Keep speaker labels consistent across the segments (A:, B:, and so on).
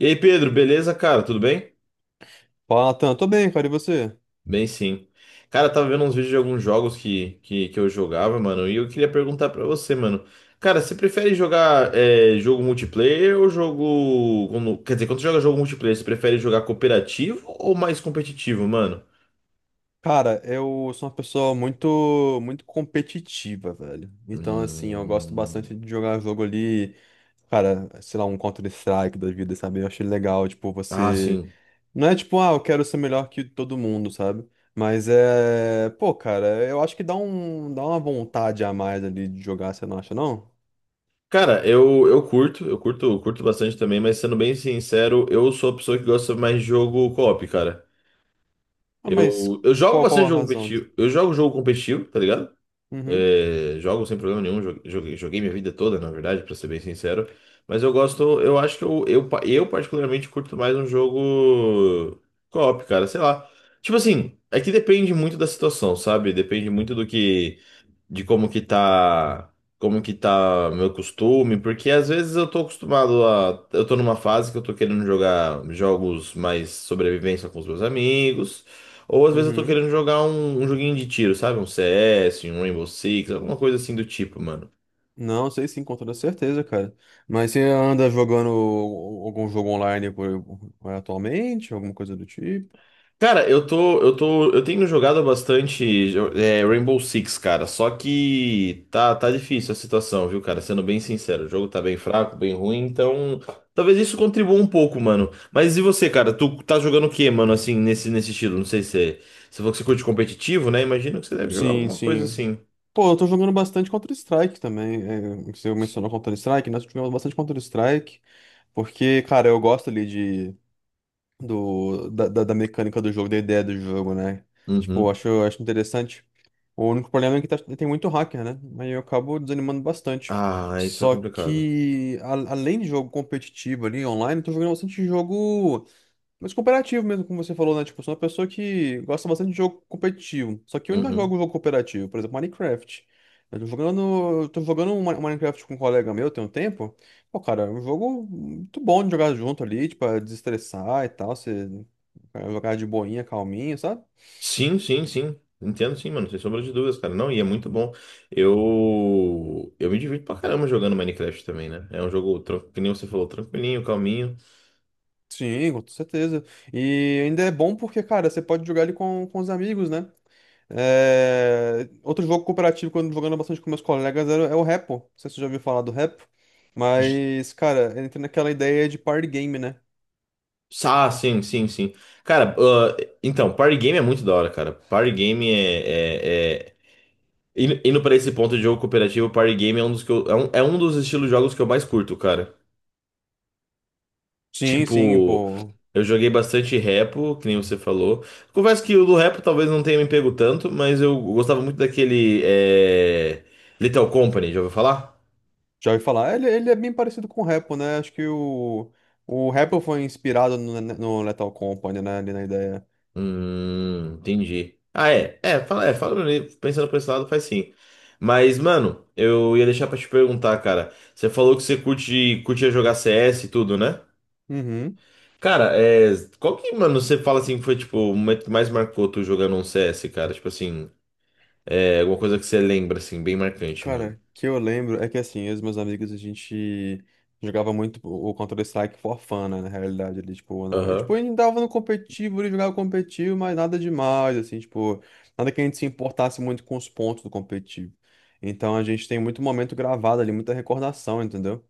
A: E aí, Pedro, beleza, cara? Tudo bem?
B: Fala, Natan. Tô bem, cara. E você?
A: Bem, sim. Cara, eu tava vendo uns vídeos de alguns jogos que eu jogava, mano, e eu queria perguntar pra você, mano. Cara, você prefere jogar jogo multiplayer ou jogo. Quer dizer, quando você joga jogo multiplayer, você prefere jogar cooperativo ou mais competitivo, mano?
B: Cara, eu sou uma pessoa muito competitiva, velho. Então, assim, eu gosto
A: Hum...
B: bastante de jogar jogo ali, cara, sei lá, um Counter-Strike da vida, sabe? Eu achei legal, tipo,
A: Ah,
B: você.
A: sim.
B: Não é tipo, ah, eu quero ser melhor que todo mundo, sabe? Mas é. Pô, cara, eu acho que dá uma vontade a mais ali de jogar, você não acha, não?
A: Cara, eu curto bastante também, mas sendo bem sincero, eu sou a pessoa que gosta mais de jogo co-op, cara.
B: Ah, mas
A: Eu jogo
B: qual
A: bastante
B: a
A: jogo
B: razão?
A: competitivo, eu jogo jogo competitivo, tá ligado?
B: Uhum,
A: É, jogo sem problema nenhum, joguei, joguei minha vida toda, na verdade, pra ser bem sincero. Mas eu gosto, eu acho que eu particularmente curto mais um jogo co-op, cara, sei lá. Tipo assim, é que depende muito da situação, sabe? Depende muito do que de como que tá meu costume, porque às vezes eu tô acostumado a, eu tô numa fase que eu tô querendo jogar jogos mais sobrevivência com os meus amigos, ou às vezes eu tô
B: uhum.
A: querendo jogar um joguinho de tiro, sabe? Um CS, um Rainbow Six, alguma coisa assim do tipo, mano.
B: Não, sei sim, com toda certeza, cara. Mas você anda jogando algum jogo online por- atualmente, alguma coisa do tipo?
A: Cara, eu tenho jogado bastante é, Rainbow Six, cara. Só que tá difícil a situação, viu, cara? Sendo bem sincero, o jogo tá bem fraco, bem ruim, então talvez isso contribua um pouco, mano. Mas e você, cara? Tu tá jogando o quê, mano? Assim, nesse estilo? Não sei se é- você falou que você curte competitivo, né? Imagino que você deve jogar
B: Sim,
A: alguma coisa
B: sim.
A: assim.
B: Pô, eu tô jogando bastante Counter-Strike também. É, você mencionou Counter-Strike, nós jogamos bastante Counter-Strike, porque, cara, eu gosto ali de do, da, da da mecânica do jogo, da ideia do jogo, né? Tipo,
A: Uhum.
B: eu acho interessante. O único problema é que tem muito hacker, né? Aí eu acabo desanimando bastante.
A: Ah, isso é
B: Só
A: complicado.
B: que, além de jogo competitivo ali, online, eu tô jogando bastante jogo. Mas cooperativo mesmo, como você falou, né? Tipo, eu sou uma pessoa que gosta bastante de jogo competitivo. Só que eu ainda
A: Uhum.
B: jogo jogo cooperativo, por exemplo, Minecraft. Eu tô jogando um um Minecraft com um colega meu tem um tempo. Pô, cara, é um jogo muito bom de jogar junto ali, tipo, pra desestressar e tal. Você cara, jogar de boinha, calminho, sabe?
A: Sim, sim, sim. Entendo, sim, mano. Sem sombra de dúvidas, cara. Não, e é muito bom. Eu me divirto pra caramba jogando Minecraft também, né? É um jogo, que nem você falou, tranquilinho, calminho.
B: Sim, com certeza. E ainda é bom porque, cara, você pode jogar ele com os amigos, né? É, outro jogo cooperativo que eu ando jogando bastante com meus colegas é o Repo. Não sei se você já ouviu falar do Repo.
A: J-
B: Mas, cara, entra naquela ideia de party game, né?
A: Ah, sim, sim, sim. Cara, ah, então, party game é muito da hora, cara. Party game é Indo indo pra esse ponto de jogo cooperativo, party game é um dos que é um dos estilos de jogos que eu mais curto, cara.
B: Sim, sim,
A: Tipo,
B: pô.
A: eu joguei bastante repo, que nem você falou. Confesso que o do repo talvez não tenha me pego tanto, mas eu gostava muito daquele Little Company, já ouviu falar?
B: Já ouvi falar. Ele é bem parecido com o Repo, né? Acho que o Repo foi inspirado no Lethal Company, né? Ali na ideia.
A: Entendi. Ah, é. Pensando por esse lado, faz sim. Mas, mano, eu ia deixar pra te perguntar, cara. Você falou que você curte, curtia jogar CS e tudo, né?
B: Uhum.
A: Cara, é, qual que, mano, você fala assim que foi, tipo, o momento que mais marcou tu jogando um CS, cara? Tipo assim. É alguma coisa que você lembra, assim, bem marcante, mano.
B: Cara, que eu lembro é que assim, eu e os meus amigos a gente jogava muito o Counter-Strike for fun, né, na realidade, ali, tipo, na... é, tipo,
A: Aham.
B: a dava no competitivo, ele jogava competitivo, mas nada demais, assim, tipo, nada que a gente se importasse muito com os pontos do competitivo. Então a gente tem muito momento gravado ali, muita recordação, entendeu?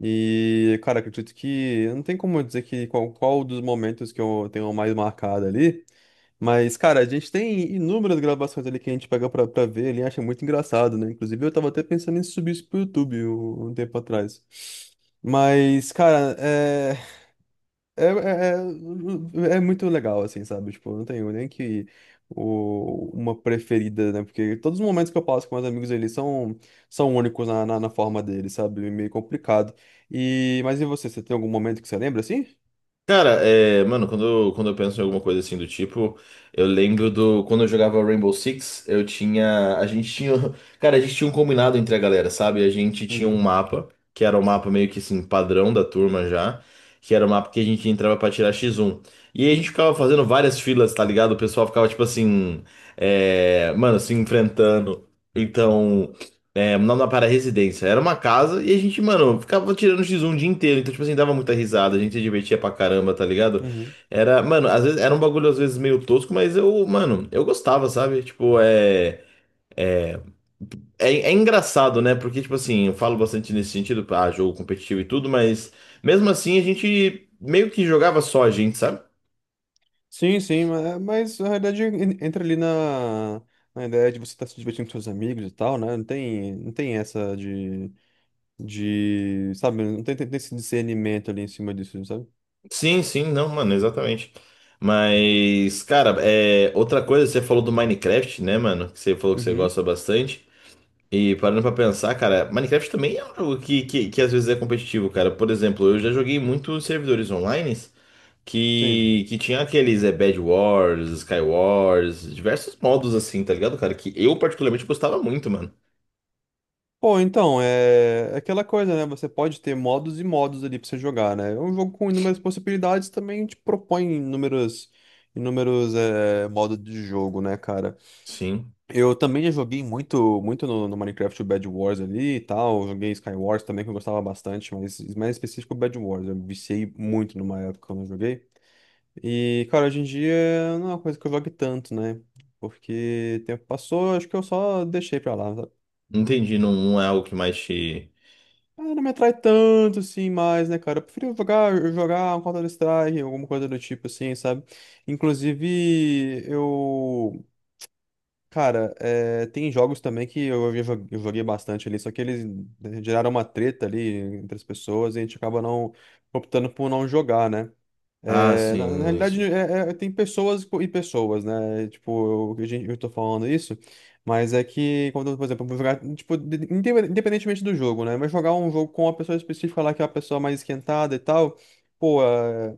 B: E, cara, acredito que não tem como eu dizer que qual dos momentos que eu tenho mais marcado ali. Mas, cara, a gente tem inúmeras gravações ali que a gente pega pra ver ali, acha muito engraçado, né? Inclusive, eu tava até pensando em subir isso pro YouTube um tempo atrás. Mas, cara, é, é, é muito legal, assim, sabe? Tipo, eu não tenho nem que o, uma preferida, né? Porque todos os momentos que eu passo com meus amigos eles são únicos na forma deles, sabe? Meio complicado. E, mas e você, você tem algum momento que você lembra, assim?
A: Cara, é, mano, quando eu penso em alguma coisa assim do tipo, eu lembro do. Quando eu jogava Rainbow Six, eu tinha. A gente tinha. Cara, a gente tinha um combinado entre a galera, sabe? A gente tinha um
B: Uhum.
A: mapa, que era o mapa meio que assim, padrão da turma já, que era o mapa que a gente entrava pra tirar X1. E aí a gente ficava fazendo várias filas, tá ligado? O pessoal ficava, tipo assim. Mano, se enfrentando. Então. É, não para a residência. Era uma casa e a gente, mano, ficava tirando x um o dia inteiro. Então, tipo assim, dava muita risada, a gente se divertia pra caramba, tá ligado?
B: Uhum.
A: Era, mano, às vezes era um bagulho às vezes meio tosco, mas eu, mano, eu gostava, sabe? Tipo, é. É, é engraçado, né? Porque, tipo assim, eu falo bastante nesse sentido, ah, jogo competitivo e tudo, mas mesmo assim a gente meio que jogava só a gente, sabe?
B: Sim, sim, é, mas na realidade entra ali na ideia de você estar se divertindo com seus amigos e tal, né? Não tem essa de, sabe? Não tem, tem esse discernimento ali em cima disso, sabe?
A: Sim, sim, não, mano, exatamente. Mas, cara, é, outra coisa, você falou do Minecraft, né, mano? Que você falou que você
B: Uhum,
A: gosta bastante. E parando pra pensar, cara, Minecraft também é um jogo que às vezes é competitivo, cara. Por exemplo, eu já joguei muitos servidores online
B: sim.
A: que tinha aqueles é, Bed Wars, Sky Wars, diversos modos assim, tá ligado, cara? Que eu particularmente gostava muito, mano.
B: Pô, então, é aquela coisa, né? Você pode ter modos e modos ali pra você jogar, né? É um jogo com inúmeras possibilidades também te propõe inúmeros, inúmeros é, modos de jogo, né, cara?
A: Sim.
B: Eu também já joguei muito no Minecraft o Bed Wars ali e tal. Eu joguei Sky Wars também, que eu gostava bastante, mas mais específico o Bed Wars. Eu viciei muito numa época quando eu joguei. E, cara, hoje em dia não é uma coisa que eu jogue tanto, né? Porque o tempo passou, acho que eu só deixei pra lá, sabe?
A: Entendi, não, não é algo que mais te.
B: Ah, não me atrai tanto assim mais, né, cara? Eu prefiro jogar um Counter-Strike, alguma coisa do tipo assim, sabe? Inclusive, eu. Cara, é, tem jogos também que eu joguei bastante ali, só que eles né, geraram uma treta ali entre as pessoas e a gente acaba não optando por não jogar, né?
A: Ah,
B: É, na
A: sim.
B: realidade, tem pessoas e pessoas, né? Tipo, eu, eu tô falando isso, mas é que quando, por exemplo, eu vou jogar, tipo, independentemente do jogo, né? Mas jogar um jogo com uma pessoa específica lá que é uma pessoa mais esquentada e tal, pô.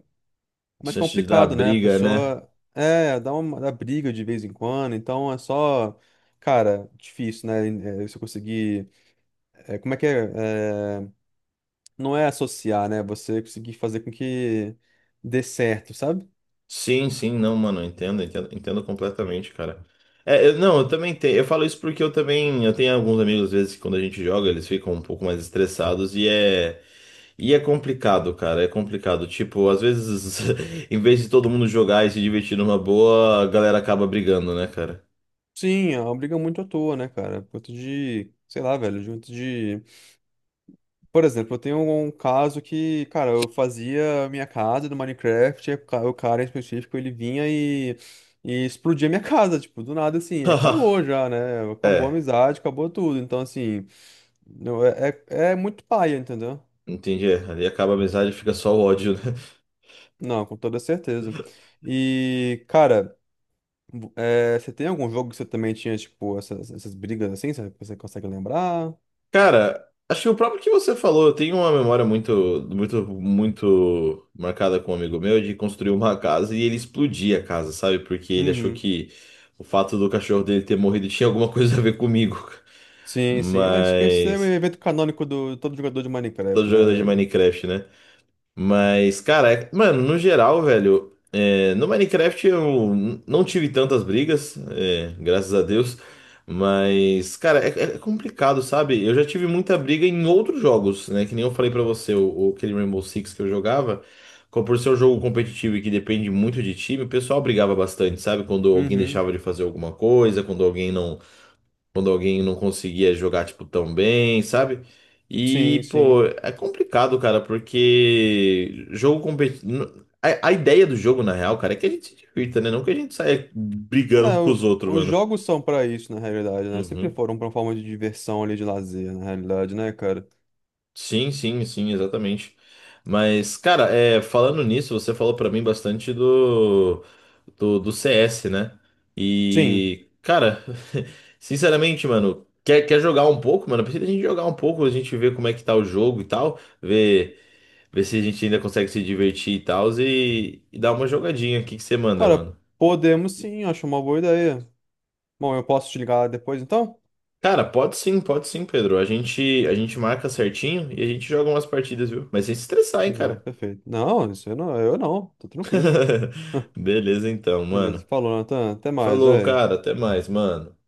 B: Mais
A: Chance de dar
B: complicado, né? A
A: briga, né?
B: pessoa é, dá briga de vez em quando, então é só, cara, difícil, né? É, você conseguir, é, como é que é? É, não é associar, né? Você conseguir fazer com que dê certo, sabe?
A: Sim, sim, não, mano, eu entendo, entendo, entendo completamente, cara. É, não, eu também tenho, eu falo isso porque eu tenho alguns amigos, às vezes, que quando a gente joga, eles ficam um pouco mais estressados e é complicado, cara, é complicado. Tipo, às vezes, em vez de todo mundo jogar e se divertir numa boa, a galera acaba brigando, né, cara?
B: Sim, é uma briga muito à toa, né, cara? Por conta de, sei lá, velho, junto de. Por exemplo, eu tenho um caso que, cara, eu fazia a minha casa do Minecraft, e o o cara em específico, ele vinha e explodia a minha casa, tipo, do nada, assim, acabou já, né? Acabou a
A: É,
B: amizade, acabou tudo. Então, assim, não, é muito paia, entendeu?
A: entendi, é, ali acaba a amizade e fica só o ódio, né?
B: Não, com toda certeza. E, cara, é, você tem algum jogo que você também tinha, tipo, essas brigas assim, sabe? Você consegue lembrar?
A: Cara, acho que o próprio que você falou, eu tenho uma memória muito marcada com um amigo meu de construir uma casa e ele explodir a casa, sabe? Porque ele achou
B: Uhum.
A: que o fato do cachorro dele ter morrido tinha alguma coisa a ver comigo.
B: Sim, sim. Acho que esse é o
A: Mas.
B: evento canônico do todo jogador de
A: Todo
B: Minecraft, né,
A: jogador de
B: velho?
A: Minecraft, né? Mas, cara, mano, no geral, velho, é, no Minecraft eu não tive tantas brigas, é, graças a Deus. Mas, cara, é, é complicado, sabe? Eu já tive muita briga em outros jogos, né? Que nem eu falei pra você, aquele Rainbow Six que eu jogava. Por ser um jogo competitivo e que depende muito de time, o pessoal brigava bastante, sabe? Quando alguém
B: Uhum.
A: deixava de fazer alguma coisa, quando alguém não conseguia jogar, tipo, tão bem, sabe?
B: Sim,
A: E,
B: sim.
A: pô, é complicado, cara, porque jogo competitivo. A ideia do jogo, na real, cara, é que a gente se divirta, né? Não que a gente saia brigando
B: É,
A: com os outros,
B: os
A: mano.
B: jogos são pra isso, na realidade, né? Sempre
A: Uhum.
B: foram pra uma forma de diversão ali, de lazer, na realidade, né, cara?
A: Sim, sim, sim, exatamente. Mas, cara, é, falando nisso, você falou pra mim bastante do CS, né?
B: Sim.
A: E, cara, sinceramente, mano, quer jogar um pouco, mano? Precisa a gente jogar um pouco, a gente ver como é que tá o jogo e tal, ver se a gente ainda consegue se divertir e tal, e dar uma jogadinha. O que que você manda,
B: Cara,
A: mano?
B: podemos sim, acho uma boa ideia. Bom, eu posso te ligar depois, então?
A: Cara, pode sim, Pedro. A gente marca certinho e a gente joga umas partidas, viu? Mas sem se estressar, hein,
B: Não,
A: cara.
B: perfeito. Não, isso eu não, tô tranquilo.
A: Beleza então, mano.
B: Beleza, falou, Nathan. Até mais,
A: Falou, cara.
B: velho.
A: Até mais, mano.